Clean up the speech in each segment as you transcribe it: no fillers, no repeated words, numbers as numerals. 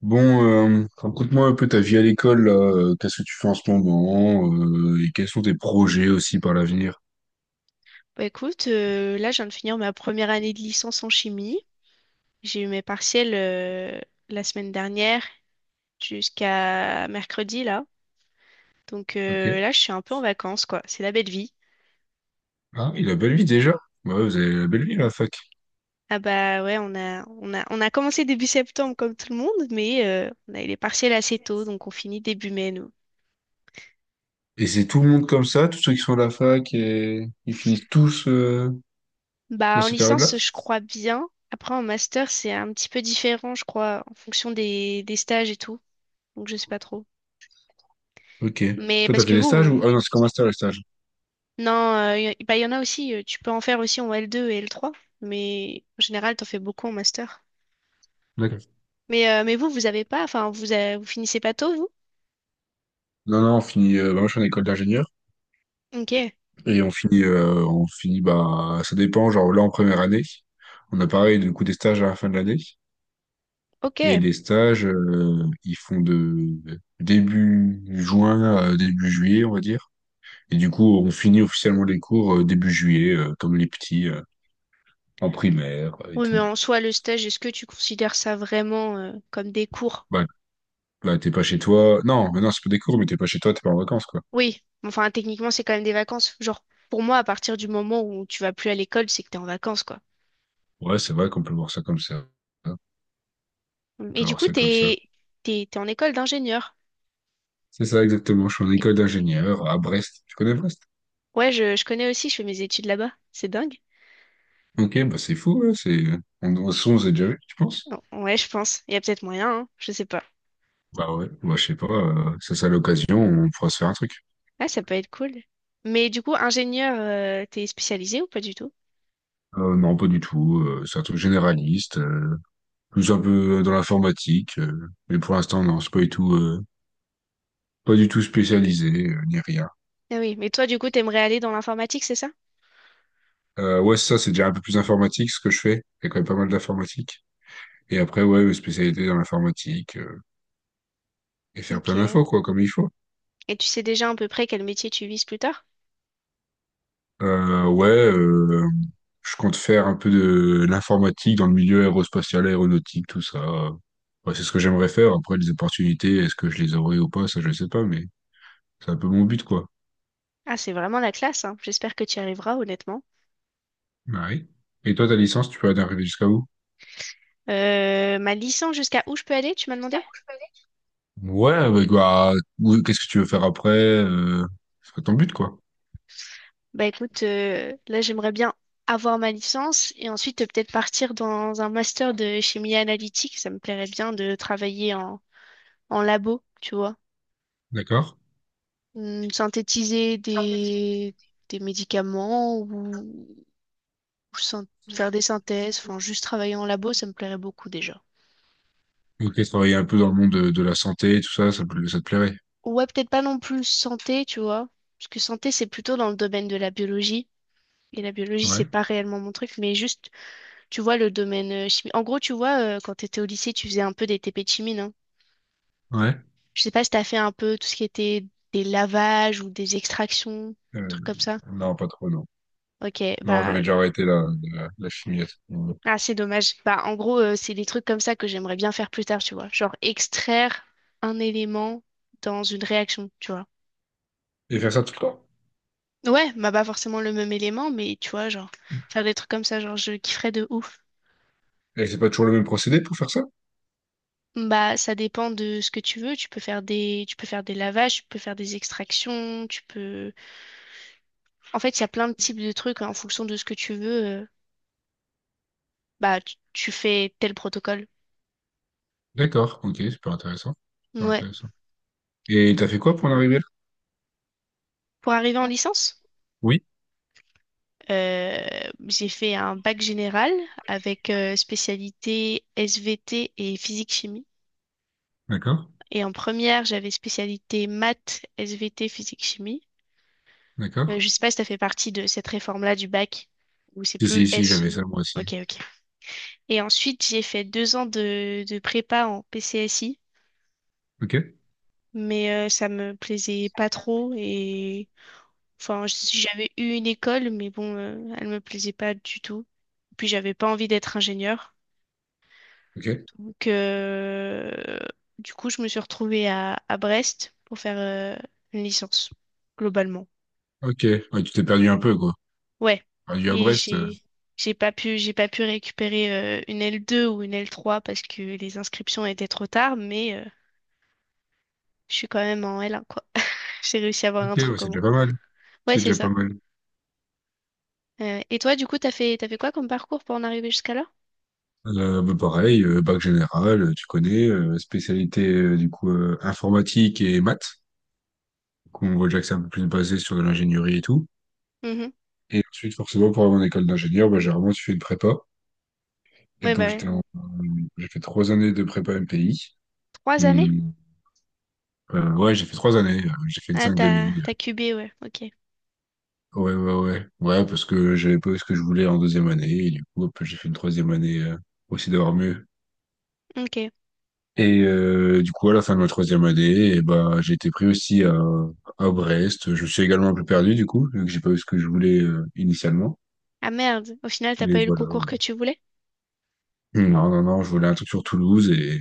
Bon, raconte-moi un peu ta vie à l'école, là. Qu'est-ce que tu fais en ce moment, et quels sont tes projets aussi par l'avenir? Bah écoute, là, je viens de finir ma première année de licence en chimie. J'ai eu mes partiels la semaine dernière jusqu'à mercredi, là. Donc Ok. Là, je suis un peu en vacances, quoi. C'est la belle vie. Ah oui, la belle vie déjà. Bah ouais, vous avez la belle vie, la fac. Ah bah ouais, on a commencé début septembre comme tout le monde, mais on a eu les partiels assez tôt, donc on finit début mai, nous. Et c'est tout le monde comme ça, tous ceux qui sont à la fac, et ils finissent tous dans Bah en ces périodes-là? licence, je crois bien. Après, en master, c'est un petit peu différent, je crois, en fonction des stages et tout. Donc je sais pas trop. Ok. Mais Toi, t'as parce fait que des stages ou... vous, Ah non, c'est comme un stage, les stages. non, bah, il y en a aussi, tu peux en faire aussi en L2 et L3, mais en général, t'en fais beaucoup en master. D'accord. Mais vous, vous avez pas, enfin, vous, avez- vous finissez pas tôt, vous? Non, non, on finit... bah, moi, je suis en école d'ingénieur, Ok, et on finit, bah, ça dépend, genre là, en première année, on a pareil, du coup, des stages à la fin de l'année. Et ok. les stages, ils font de début juin à début juillet, on va dire. Et du coup, on finit officiellement les cours début juillet, comme les petits, en primaire et Oui, mais tout. en soi, le stage, est-ce que tu considères ça vraiment comme des cours? Bah, bah t'es pas chez toi. Non, mais non, c'est pas des cours, mais t'es pas chez toi, t'es pas en vacances, quoi. Oui, enfin, techniquement, c'est quand même des vacances. Genre, pour moi, à partir du moment où tu vas plus à l'école, c'est que t'es en vacances, quoi. Ouais, c'est vrai qu'on peut voir ça comme ça. Hein. On Et peut du voir coup, ça comme ça. t'es en école d'ingénieur. C'est ça, exactement. Je suis en Et- école d'ingénieur à Brest. Tu connais Brest? ouais, je connais aussi, je fais mes études là-bas. C'est dingue. Ok, bah c'est fou, ouais, c'est... On s'est déjà vu, tu penses? Ouais, je pense. Il y a peut-être moyen, hein, je sais pas. Bah ouais, bah je sais pas, ça c'est à l'occasion, on pourra se faire un truc. Ah, ça peut être cool. Mais du coup, ingénieur, t'es spécialisé ou pas du tout? Non, pas du tout, c'est un truc généraliste, plus un peu dans l'informatique, mais pour l'instant, non, c'est pas du tout, pas du tout spécialisé, ni rien. Ah oui, mais toi, du coup, t'aimerais aller dans l'informatique, c'est ça? Ouais, ça, c'est déjà un peu plus informatique, ce que je fais. Il y a quand même pas mal d'informatique et après, ouais, spécialité dans l'informatique, et faire Ok. plein Et d'infos, quoi, comme il faut. tu sais déjà à peu près quel métier tu vises plus tard? Ouais, je compte faire un peu de l'informatique dans le milieu aérospatial, aéronautique, tout ça. Ouais, c'est ce que j'aimerais faire. Après, les opportunités, est-ce que je les aurai ou pas? Ça, je sais pas, mais c'est un peu mon but, quoi. Ah, c'est vraiment la classe, hein. J'espère que tu y arriveras, honnêtement. Bah oui. Et toi, ta licence, tu peux arriver jusqu'à où? Ma licence, jusqu'à où je peux aller, tu m'as demandé? Ouais, bah, oui, qu'est-ce que tu veux faire après? C'est pas ton but, quoi. Bah écoute, là j'aimerais bien avoir ma licence et ensuite peut-être partir dans un master de chimie analytique. Ça me plairait bien de travailler en, en labo, tu vois. D'accord. Hmm, synthétiser des médicaments ou syn- faire des synthèses, enfin juste travailler en labo, ça me plairait beaucoup déjà. Ok, travailler un peu dans le monde de la santé, tout ça, ça te plairait. Ouais, peut-être pas non plus santé, tu vois. Parce que santé, c'est plutôt dans le domaine de la biologie. Et la biologie, c'est Ouais. pas réellement mon truc, mais juste, tu vois, le domaine chimie. En gros, tu vois, quand t'étais au lycée, tu faisais un peu des TP de chimie, non? Ouais. Je sais pas si t'as fait un peu tout ce qui était des lavages ou des extractions, Euh, trucs comme ça. non, pas trop, non. Ok, Non, j'avais bah, déjà arrêté la, la, la chimie à ce moment-là. ah, c'est dommage. Bah, en gros, c'est des trucs comme ça que j'aimerais bien faire plus tard, tu vois. Genre, extraire un élément dans une réaction, tu vois. Et faire ça tout le temps. Ouais, bah, pas forcément le même élément, mais tu vois, genre, faire des trucs comme ça, genre, je kifferais de ouf. Et c'est pas toujours le même procédé pour faire ça? Bah, ça dépend de ce que tu veux. Tu peux faire des lavages, tu peux faire des extractions, tu peux. En fait, il y a plein de types de trucs en fonction de ce que tu veux. Bah, tu fais tel protocole. D'accord, ok, super intéressant. Super Ouais. intéressant. Et t'as fait quoi pour en arriver là? Pour arriver en licence, Oui, euh, j'ai fait un bac général avec spécialité SVT et physique-chimie. d'accord, Et en première, j'avais spécialité maths, SVT, physique-chimie. D'accord. Je sais pas si ça fait partie de cette réforme-là du bac, où c'est Si, plus si, si, S. j'avais ça moi aussi. Ok, ok. Et ensuite, j'ai fait deux ans de prépa en PCSI, Ok, mais ça me plaisait pas trop. Et enfin, si j'avais eu une école, mais bon, elle me plaisait pas du tout. Puis j'avais pas envie d'être ingénieur. ok, Donc, du coup, je me suis retrouvée à Brest pour faire une licence, globalement. ok. Ouais, tu t'es perdu un peu, quoi. Ouais. Perdu à Et Brest. J'ai pas pu récupérer une L2 ou une L3 parce que les inscriptions étaient trop tard, mais je suis quand même en L1. J'ai réussi à avoir Ok, un ouais, truc au c'est moins. déjà pas mal. Ouais, C'est c'est déjà pas ça. mal. Et toi, du coup, t'as fait quoi comme parcours pour en arriver jusqu'à là? Bah, pareil, bac général, tu connais, spécialité du coup informatique et maths. Donc, on voit déjà que c'est un peu plus basé sur de l'ingénierie et tout. Mhm. Et ensuite, forcément, pour avoir une école d'ingénieur, bah, j'ai vraiment suivi une prépa. Et Ouais, bah donc, ouais. J'ai fait trois années de prépa MPI. Trois années? Ouais, j'ai fait trois années. J'ai fait une Ah, 5 demi. t'as cubé, ouais. Ok. Ouais, parce que j'avais pas eu ce que je voulais en deuxième année. Et du coup, hop, j'ai fait une troisième année aussi d'avoir mieux. Ok. Et du coup, à la fin de ma troisième année, et bah, j'ai été pris aussi à Brest. Je me suis également un peu perdu, du coup, vu que j'ai pas eu ce que je voulais initialement. Ah merde. Au final, t'as Mais pas eu le voilà. concours Voilà. que tu voulais? Non, non, non, je voulais un truc sur Toulouse.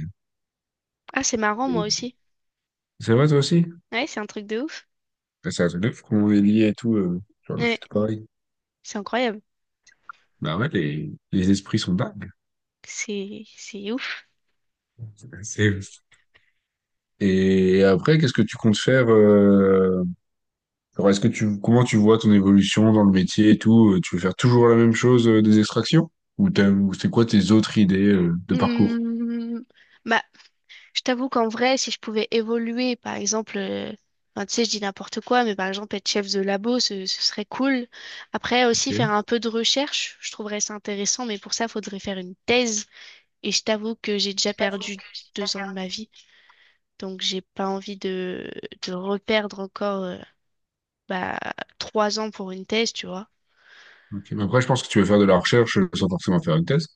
Ah, c'est marrant, moi et- aussi. C'est vrai, toi aussi? Ouais, c'est un truc de ouf. Ouais, c'est un truc de fou comment on est lié et tout. Genre, je suis Ouais, tout pareil. c'est incroyable. Bah ouais, les esprits sont dingues. C'est ouf. C'est... Et après, qu'est-ce que tu comptes faire alors est-ce que tu comment tu vois ton évolution dans le métier et tout? Tu veux faire toujours la même chose des extractions? Ou c'est quoi tes autres idées de parcours? Hmm. Bah, je t'avoue qu'en vrai, si je pouvais évoluer, par exemple, tu sais, je dis n'importe quoi, mais par exemple, être chef de labo, ce serait cool. Après, aussi, faire Ok. un peu de recherche, je trouverais ça intéressant, mais pour ça, faudrait faire une thèse. Et je t'avoue que j'ai déjà perdu deux ans de ma vie, donc j'ai pas envie de reperdre encore bah, trois ans pour une thèse, tu vois. Ok. Mais après, je pense que tu veux faire de la recherche sans forcément faire une thèse.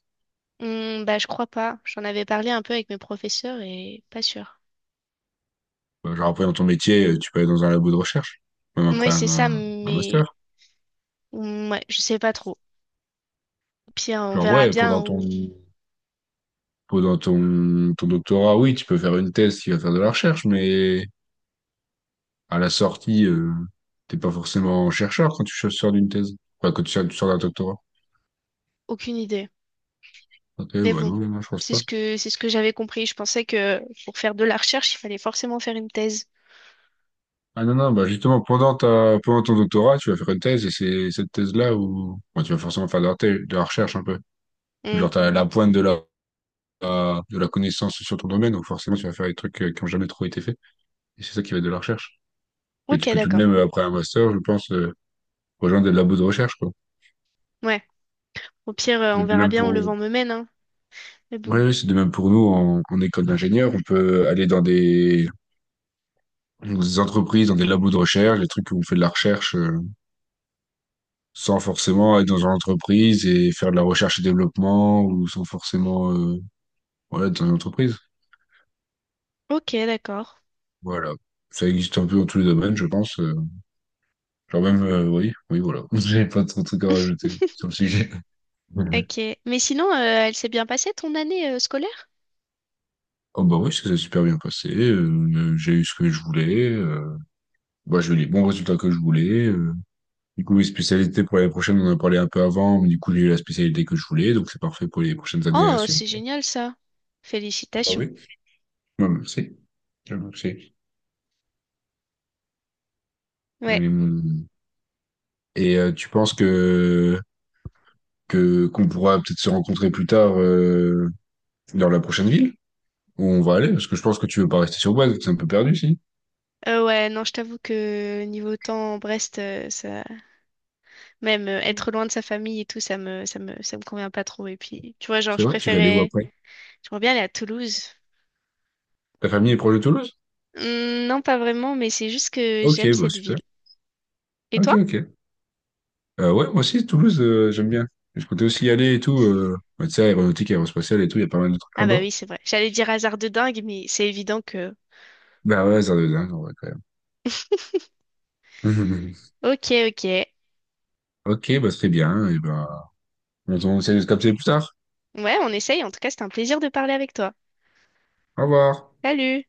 Bah, je crois pas. J'en avais parlé un peu avec mes professeurs et pas sûr. Genre après dans ton métier, tu peux aller dans un labo de recherche, même Oui, après c'est ça, un mais master. ouais, je sais pas trop. Pire, on Genre verra ouais, bien pendant où. ton pendant ton ton doctorat, oui, tu peux faire une thèse qui va faire de la recherche, mais à la sortie, t'es pas forcément chercheur quand tu sors d'une thèse. Enfin, quand tu sors d'un doctorat. Aucune idée. Ok, Mais bah bon, non, non, je pense pas. C'est ce que j'avais compris. Je pensais que pour faire de la recherche, il fallait forcément faire une thèse. Ah non, non, bah justement, pendant ton doctorat, tu vas faire une thèse et c'est cette thèse-là où bon, tu vas forcément faire de la, de la recherche un peu. Hmm. Genre, t'as la pointe de la, de la connaissance sur ton domaine, donc forcément, tu vas faire des trucs qui ont jamais trop été faits. Et c'est ça qui va être de la recherche. Mais tu Ok, peux tout de d'accord. même, après un master, je pense, rejoindre des labos de recherche, quoi. Ouais. Au pire, C'est on de verra même bien pour, où le ouais, vent me mène, hein. Mais bon. oui, c'est de même pour nous en, en école d'ingénieur. On peut aller dans des... Donc, des entreprises, dans des labos de recherche, des trucs où on fait de la recherche sans forcément être dans une entreprise et faire de la recherche et développement ou sans forcément voilà, être dans une entreprise. Ok, d'accord. Voilà. Ça existe un peu dans tous les domaines, je pense. Genre même, oui, oui, voilà. J'ai pas trop de trucs à rajouter sur le sujet. Mhm. Ok. Mais sinon, elle s'est bien passée ton année scolaire? Oh bah oui, ça s'est super bien passé. J'ai eu ce que je voulais. Bah, j'ai eu les bons résultats que je voulais. Du coup, les spécialités pour l'année prochaine, on en a parlé un peu avant, mais du coup, j'ai eu la spécialité que je voulais, donc c'est parfait pour les prochaines années à Oh, suivre. c'est génial ça. Bah Félicitations. oui. Je merci. Je merci. Ouais. Hum, Et tu penses que qu'on pourra peut-être se rencontrer plus tard dans la prochaine ville où on va aller? Parce que je pense que tu veux pas rester sur Boise, c'est un peu perdu, si. Ouais, non, je t'avoue que niveau temps, Brest, ça, même être loin de sa famille et tout, ça me convient pas trop. Et puis, tu vois, genre, C'est je vrai? Tu vas aller où préférais, après? j'aimerais bien aller à Toulouse. Ta famille est proche de Toulouse? Hmm, non, pas vraiment, mais c'est juste que Ok, j'aime bah cette super. ville. Et Ok, toi? ok. Ouais, moi aussi, Toulouse, j'aime bien. Je comptais aussi y aller et tout. Bah, tu sais, aéronautique, aérospatiale et tout, il y a pas mal de trucs Ah bah là-bas. oui, c'est vrai. J'allais dire hasard de dingue, mais c'est évident que... Bah ouais, ça deux ans, quand même. Ok, ok. Ok, bah très bien. Et ben, on essaie de se capter plus tard. Ouais, on essaye. En tout cas, c'était un plaisir de parler avec toi. Au revoir. Salut!